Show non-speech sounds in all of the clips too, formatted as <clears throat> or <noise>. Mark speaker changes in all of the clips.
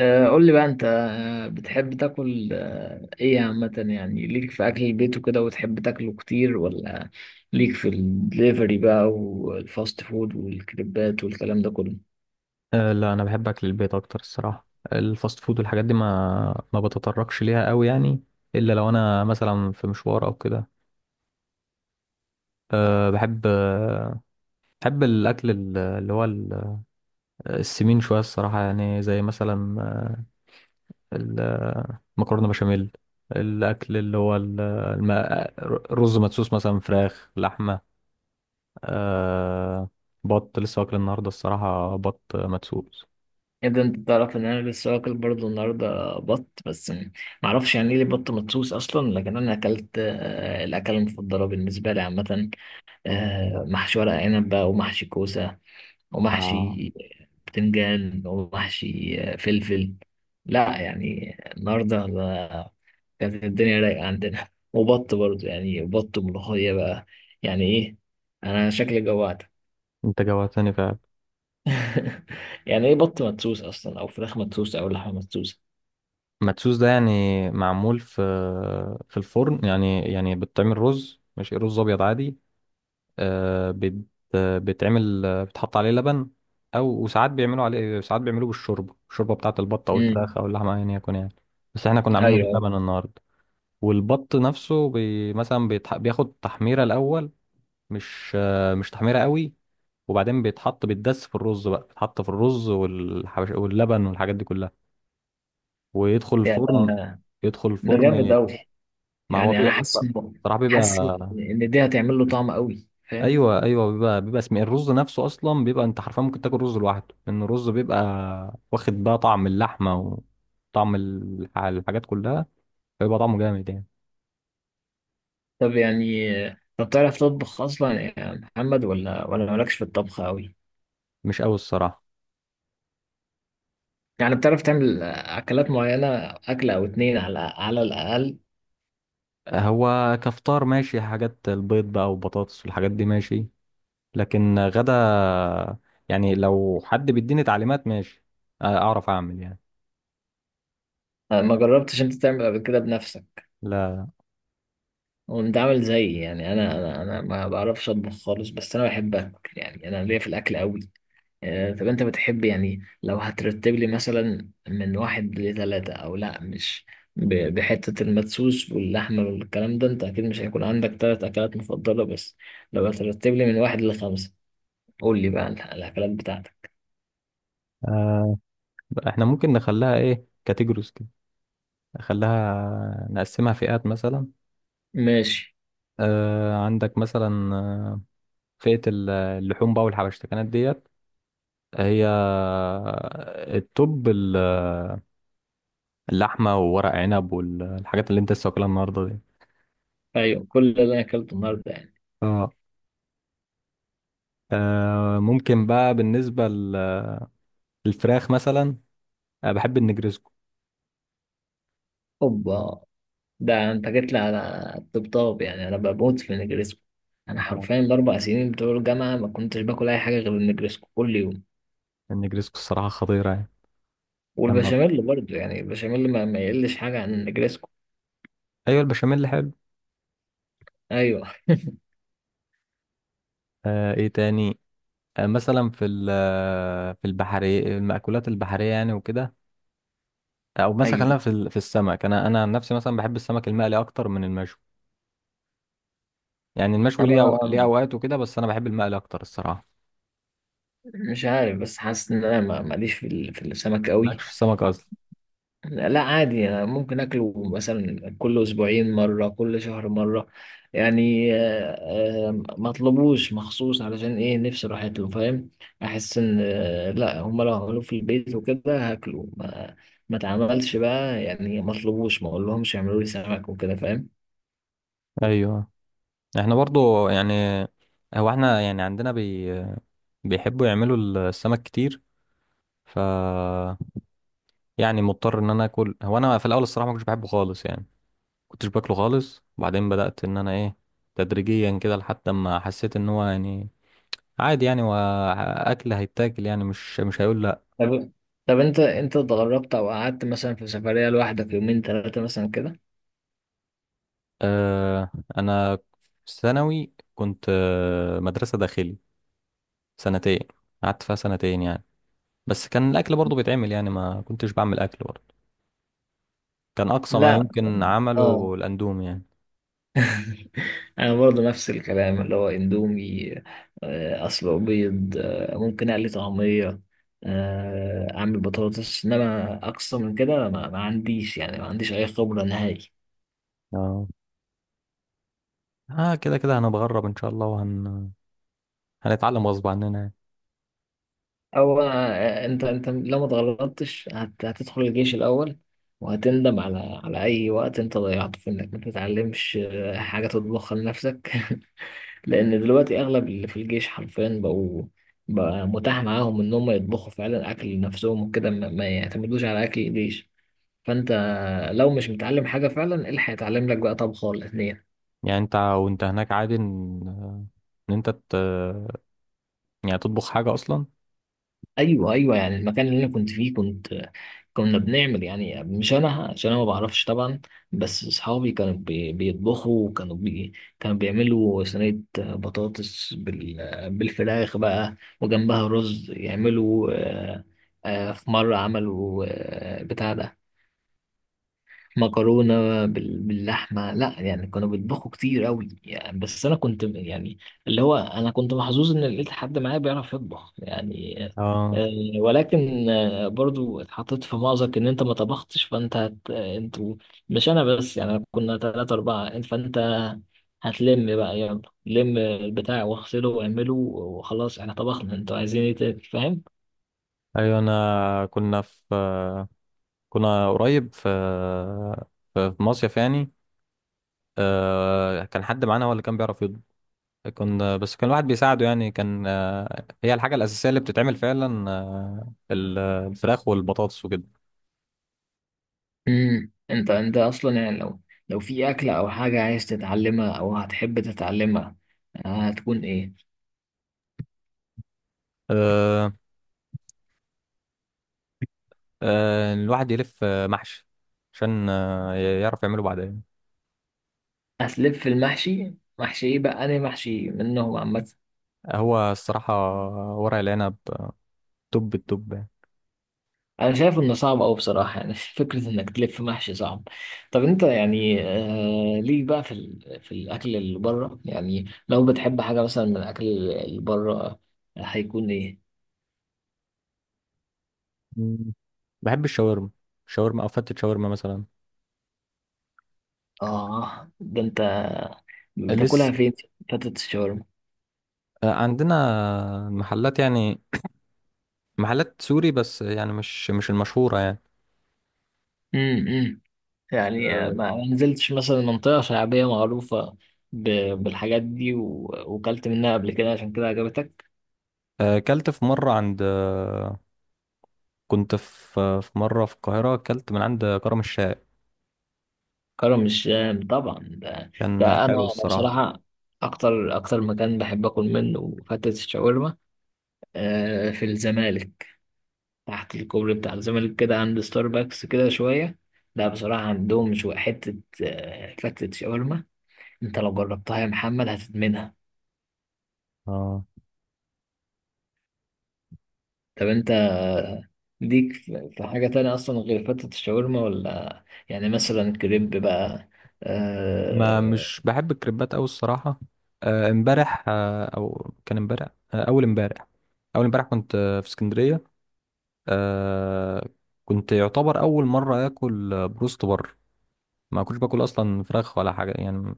Speaker 1: قول لي بقى انت، بتحب تاكل ايه عامة؟ يعني ليك في اكل البيت وكده وتحب تاكله كتير، ولا ليك في الدليفري بقى والفاست فود والكريبات والكلام ده كله؟
Speaker 2: لا انا بحب اكل البيت اكتر الصراحه. الفاست فود والحاجات دي ما بتطرقش ليها قوي يعني، الا لو انا مثلا في مشوار او كده. بحب بحب الاكل السمين شويه الصراحه، يعني زي مثلا المكرونه بشاميل. الاكل اللي هو ال- الم- الرز مدسوس، مثلا فراخ، لحمه، أه بط. لسه واكل النهارده الصراحه بط مدسوس.
Speaker 1: ايه ده! انت تعرف ان انا لسه واكل برضه النهارده بط، بس معرفش يعني ايه ليه بط مدسوس اصلا. لكن انا اكلت، الاكله المفضله بالنسبه لي عامة محشي ورق عنب بقى، ومحشي كوسه،
Speaker 2: اه
Speaker 1: ومحشي بتنجان، ومحشي فلفل. لا يعني النهارده كانت الدنيا رايقة عندنا، وبط برضه يعني، بط وملوخية بقى. يعني ايه، انا شكلي جوعت.
Speaker 2: انت جوعتني فعلا.
Speaker 1: <laughs> يعني ايه بط مدسوس اصلا، او فراخ مدسوسة، او لحمة مدسوسة؟
Speaker 2: مدسوس ده يعني معمول في الفرن، يعني يعني بتعمل رز، مش رز ابيض عادي. آه، بت بتعمل، بتحط عليه لبن، وساعات بيعملوا عليه، ساعات بيعملوه بالشوربه، بتاعه البط او الفراخ
Speaker 1: امم.
Speaker 2: او اللحمه ايا يكن يعني. بس احنا كنا عاملينه
Speaker 1: ايوه
Speaker 2: باللبن النهارده. والبط نفسه بياخد تحميره الاول، مش تحميره قوي، وبعدين بيتدس في الرز بقى، بيتحط في الرز واللبن والحاجات دي كلها، ويدخل
Speaker 1: يعني،
Speaker 2: الفرن. يدخل
Speaker 1: ده جامد
Speaker 2: الفرن.
Speaker 1: قوي.
Speaker 2: ما هو
Speaker 1: يعني انا
Speaker 2: بيبقى الص- الصراحه بيبقى،
Speaker 1: حاسس ان دي هتعمل له طعم قوي، فاهم؟
Speaker 2: ايوه ايوه، بيبقى بيبقى اسم الرز نفسه اصلا، بيبقى انت حرفيا ممكن تاكل رز لوحده، لان الرز بيبقى واخد بقى طعم اللحمه وطعم الحاجات كلها، فيبقى طعمه جامد يعني.
Speaker 1: طب يعني طب تعرف تطبخ اصلا يا محمد، ولا مالكش في الطبخ قوي؟
Speaker 2: مش قوي الصراحه.
Speaker 1: يعني بتعرف تعمل أكلات معينة، أكلة أو اتنين على الأقل؟
Speaker 2: هو كفطار ماشي، حاجات البيض بقى وبطاطس والحاجات دي ماشي، لكن غدا يعني لو حد بيديني تعليمات ماشي اعرف اعمل يعني.
Speaker 1: أنا ما جربتش أنت تعمل قبل كده بنفسك.
Speaker 2: لا.
Speaker 1: وأنت عامل زيي يعني، أنا ما بعرفش أطبخ خالص، بس أنا بحب أكل، يعني أنا ليا في الأكل أوي. طب أنت بتحب، يعني لو هترتب لي مثلا من واحد لتلاتة، أو لأ مش بحتة المدسوس واللحمة والكلام ده، أنت أكيد مش هيكون عندك تلات أكلات مفضلة بس، لو هترتب لي من واحد لخمسة قول لي بقى الأكلات بتاعتك.
Speaker 2: آه، احنا ممكن نخليها ايه، كاتيجوريز كده، نخليها نقسمها فئات مثلا.
Speaker 1: ماشي.
Speaker 2: آه، عندك مثلا، فئة اللحوم بقى والحبشتكنات ديت. هي التوب اللحمة وورق عنب والحاجات اللي انت لسه واكلها النهاردة دي.
Speaker 1: ايوه كل اللي انا اكلته النهارده يعني.
Speaker 2: اه ممكن بقى بالنسبة للفراخ مثلا، أنا بحب النجرسكو.
Speaker 1: اوبا! ده انت جيت لي على الطبطاب، يعني انا بموت في النجريسكو. انا
Speaker 2: اه
Speaker 1: حرفيا الاربع سنين بتوع الجامعه ما كنتش باكل اي حاجه غير النجريسكو كل يوم.
Speaker 2: النجرسكو الصراحة خطيرة يعني. لما
Speaker 1: والبشاميل برضه يعني، البشاميل ما يقلش حاجه عن النجريسكو.
Speaker 2: أيوة، البشاميل حلو.
Speaker 1: ايوه
Speaker 2: آه، إيه تاني؟ آه، مثلا في البحرية، المأكولات البحرية يعني وكده، او مثلا
Speaker 1: ايوه.
Speaker 2: خلينا في السمك. انا عن نفسي مثلا بحب السمك المقلي اكتر من المشوي. يعني المشوي ليه
Speaker 1: انا
Speaker 2: اوقات وكده، بس انا بحب المقلي اكتر الصراحه.
Speaker 1: مش عارف، بس حاسس ان انا ماليش في في السمك
Speaker 2: مالكش
Speaker 1: قوي.
Speaker 2: في السمك اصلا؟
Speaker 1: لا لا، عادي. أنا ممكن اكله مثلا كل اسبوعين مره، كل شهر مره يعني، ما اطلبوش مخصوص علشان ايه، نفسي راحت له، فاهم؟ احس ان لا، هم لو عملوه في البيت وكده هاكله، ما اتعملش بقى يعني، ما اطلبوش، ما اقولهمش يعملوا لي سمك وكده، فاهم؟
Speaker 2: ايوه احنا برضو يعني، هو احنا يعني عندنا بي... بيحبوا يعملوا السمك كتير، ف يعني مضطر ان انا اكل. هو انا في الاول الصراحه ما كنتش بحبه خالص يعني، كنتش باكله خالص، وبعدين بدات ان انا ايه، تدريجيا كده، لحد ما حسيت ان هو يعني عادي يعني، واكل هيتاكل يعني، مش هيقول.
Speaker 1: طب طب انت اتغربت او قعدت مثلا في سفريه لوحدك، يومين ثلاثه مثلا كده؟
Speaker 2: آه، انا في ثانوي كنت مدرسه داخلي سنتين، قعدت فيها سنتين يعني، بس كان الاكل برضو بيتعمل يعني، ما كنتش بعمل اكل برضو، كان اقصى ما
Speaker 1: لا.
Speaker 2: يمكن
Speaker 1: اه.
Speaker 2: عمله الاندومي يعني.
Speaker 1: انا برضه نفس الكلام، اللي هو اندومي، اصله بيض، ممكن اقلي طعميه، اعمل بطاطس، انما اقصى من كده ما عنديش، يعني ما عنديش اي خبره نهائي.
Speaker 2: اه كده كده هنتغرب ان شاء الله، هنتعلم غصب عننا يعني.
Speaker 1: او انت، لو ما اتغلطتش هتدخل الجيش الاول، وهتندم على اي وقت انت ضيعته في انك ما تتعلمش حاجه تطبخها لنفسك. لان دلوقتي اغلب اللي في الجيش حرفيا بقوا، بقى متاح معاهم ان هم يطبخوا فعلا اكل لنفسهم وكده، ما يعتمدوش على اكل الجيش. فانت لو مش متعلم حاجه فعلا، ايه اللي هيتعلم لك بقى، طبخه ولا اتنين؟
Speaker 2: يعني انت وانت هناك عادي ان آه، ان انت ت... يعني تطبخ حاجه اصلا؟
Speaker 1: ايوه ايوه، يعني المكان اللي انا كنت فيه كنا بنعمل، يعني مش انا عشان انا ما بعرفش طبعا، بس اصحابي كانوا بيطبخوا، وكانوا بي كانوا بيعملوا صينيه بطاطس بالفراخ بقى وجنبها رز، يعملوا في مره عملوا بتاع ده مكرونة باللحمة. لا يعني كانوا بيطبخوا كتير قوي يعني، بس أنا كنت يعني، اللي هو أنا كنت محظوظ إن لقيت حد معايا بيعرف يطبخ يعني.
Speaker 2: اه
Speaker 1: آه، ولكن برضو اتحطيت في مأزق، إن أنت ما طبختش فأنت أنتوا، مش أنا بس، يعني كنا تلاتة أربعة، فأنت هتلم بقى، يلا لم البتاع واغسله واعمله وخلاص احنا طبخنا، انتوا عايزين ايه تاني فاهم؟
Speaker 2: ايوه، انا كنا في آه، كنا قريب في مصيف يعني. آه، كان حد معانا هو اللي كان بيعرف يطبخ، كنا بس كان الواحد بيساعده يعني. كان آه، هي الحاجة الأساسية اللي بتتعمل فعلا الفراخ والبطاطس وكده.
Speaker 1: امم، انت اصلا يعني، لو في اكله او حاجه عايز تتعلمها او هتحب تتعلمها، هتكون ايه؟
Speaker 2: آه، الواحد يلف محشي عشان يعرف يعمله بعدين.
Speaker 1: هتلف في المحشي؟ محشي ايه بقى، انا محشي منهم عامه.
Speaker 2: هو الصراحة ورق العنب، آه، توب التوب يعني.
Speaker 1: انا شايف انه صعب قوي بصراحه يعني. <laughs> فكره انك تلف محشي صعب. طب انت يعني، ليك بقى في في الاكل اللي بره، يعني لو بتحب حاجه مثلا من الاكل اللي بره، هيكون ايه؟
Speaker 2: مم. بحب الشاورما، شاورما أو فتة شاورما مثلا.
Speaker 1: اه ده انت، بتاكلها
Speaker 2: لسه.
Speaker 1: فين، فتت الشاورما؟
Speaker 2: آه، عندنا محلات يعني، محلات سوري، بس يعني مش المشهورة.
Speaker 1: امم. يعني
Speaker 2: يعني
Speaker 1: ما نزلتش مثلا منطقة شعبية معروفة بالحاجات دي وكلت منها قبل كده، عشان كده عجبتك؟
Speaker 2: اكلت في مره عند، كنت في مره في القاهره، اكلت من عند كرم الشاي.
Speaker 1: كرم الشام طبعا ده,
Speaker 2: كان
Speaker 1: ده أنا،
Speaker 2: حلو الصراحه.
Speaker 1: بصراحة أكتر مكان بحب آكل منه فتة الشاورما، في الزمالك، تحت الكوبري بتاع الزمالك كده عند ستاربكس كده شوية. لا بصراحة عندهم شوية حتة فتة شاورما، أنت لو جربتها يا محمد هتدمنها.
Speaker 2: اه
Speaker 1: طب أنت ليك في حاجة تانية أصلا غير فتة الشاورما، ولا يعني مثلا كريب بقى؟
Speaker 2: ما
Speaker 1: آه...
Speaker 2: مش بحب الكريبات قوي الصراحه. آه، امبارح، آه، او كان امبارح، آه، اول امبارح، اول امبارح كنت في اسكندريه. آه، كنت يعتبر اول مره اكل بروست بره. ما كنتش باكل اصلا فراخ ولا حاجه يعني،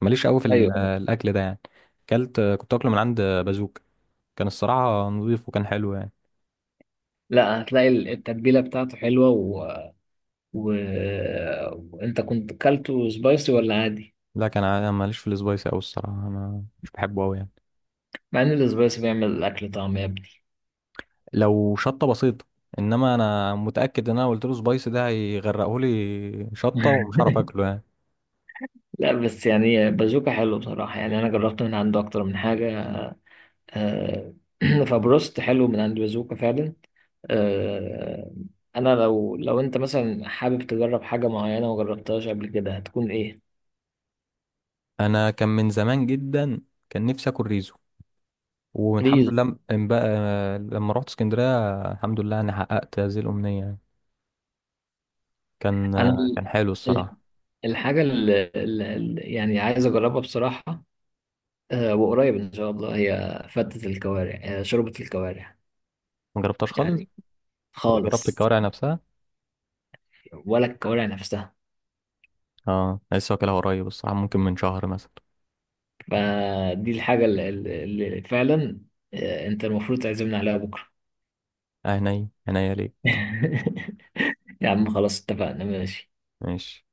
Speaker 2: ماليش قوي في ال-
Speaker 1: أيوه.
Speaker 2: آه، الاكل ده يعني. اكلت، كنت اكله من عند، بازوك. كان الصراحه نظيف وكان حلو يعني.
Speaker 1: لا هتلاقي التتبيلة بتاعته حلوة و... وأنت كنت كلته سبايسي ولا عادي؟
Speaker 2: لا كان انا ماليش في السبايسي قوي الصراحه، انا مش بحبه قوي يعني.
Speaker 1: مع إن السبايسي بيعمل الأكل طعم يا ابني.
Speaker 2: لو شطه بسيطه، انما انا متاكد ان انا قلت له سبايسي ده هيغرقه لي شطه ومش هعرف
Speaker 1: <laughs>
Speaker 2: اكله يعني.
Speaker 1: لا بس يعني، بازوكا حلو بصراحة، يعني أنا جربت من عنده أكتر من حاجة، آه، <clears throat> فبروست حلو من عند بازوكا فعلا. آه، انا، لو انت مثلا حابب تجرب حاجه معينه وجربتهاش قبل كده، هتكون ايه؟
Speaker 2: انا كان من زمان جدا كان نفسي اكل ريزو، والحمد
Speaker 1: ريز.
Speaker 2: لله، م- ام بقى لما رحت اسكندريه الحمد لله انا حققت هذه الامنيه يعني. كان
Speaker 1: انا
Speaker 2: كان حلو
Speaker 1: ال-
Speaker 2: الصراحه.
Speaker 1: الحاجه يعني عايز اجربها بصراحه، وقريب ان شاء الله هي فتة الكوارع، شوربه الكوارع.
Speaker 2: ما جربتهاش خالص،
Speaker 1: يعني
Speaker 2: ولا جربت
Speaker 1: خالص.
Speaker 2: الكوارع نفسها.
Speaker 1: ولا الكوارع نفسها.
Speaker 2: اه لسه واكلها قريب الصراحه، ممكن من شهر مثلا.
Speaker 1: فدي الحاجه اللي فعلا، انت المفروض تعزمنا عليها بكره.
Speaker 2: اه، هني هني ليه.
Speaker 1: <laughs> يا عم خلاص اتفقنا، ماشي.
Speaker 2: ماشي.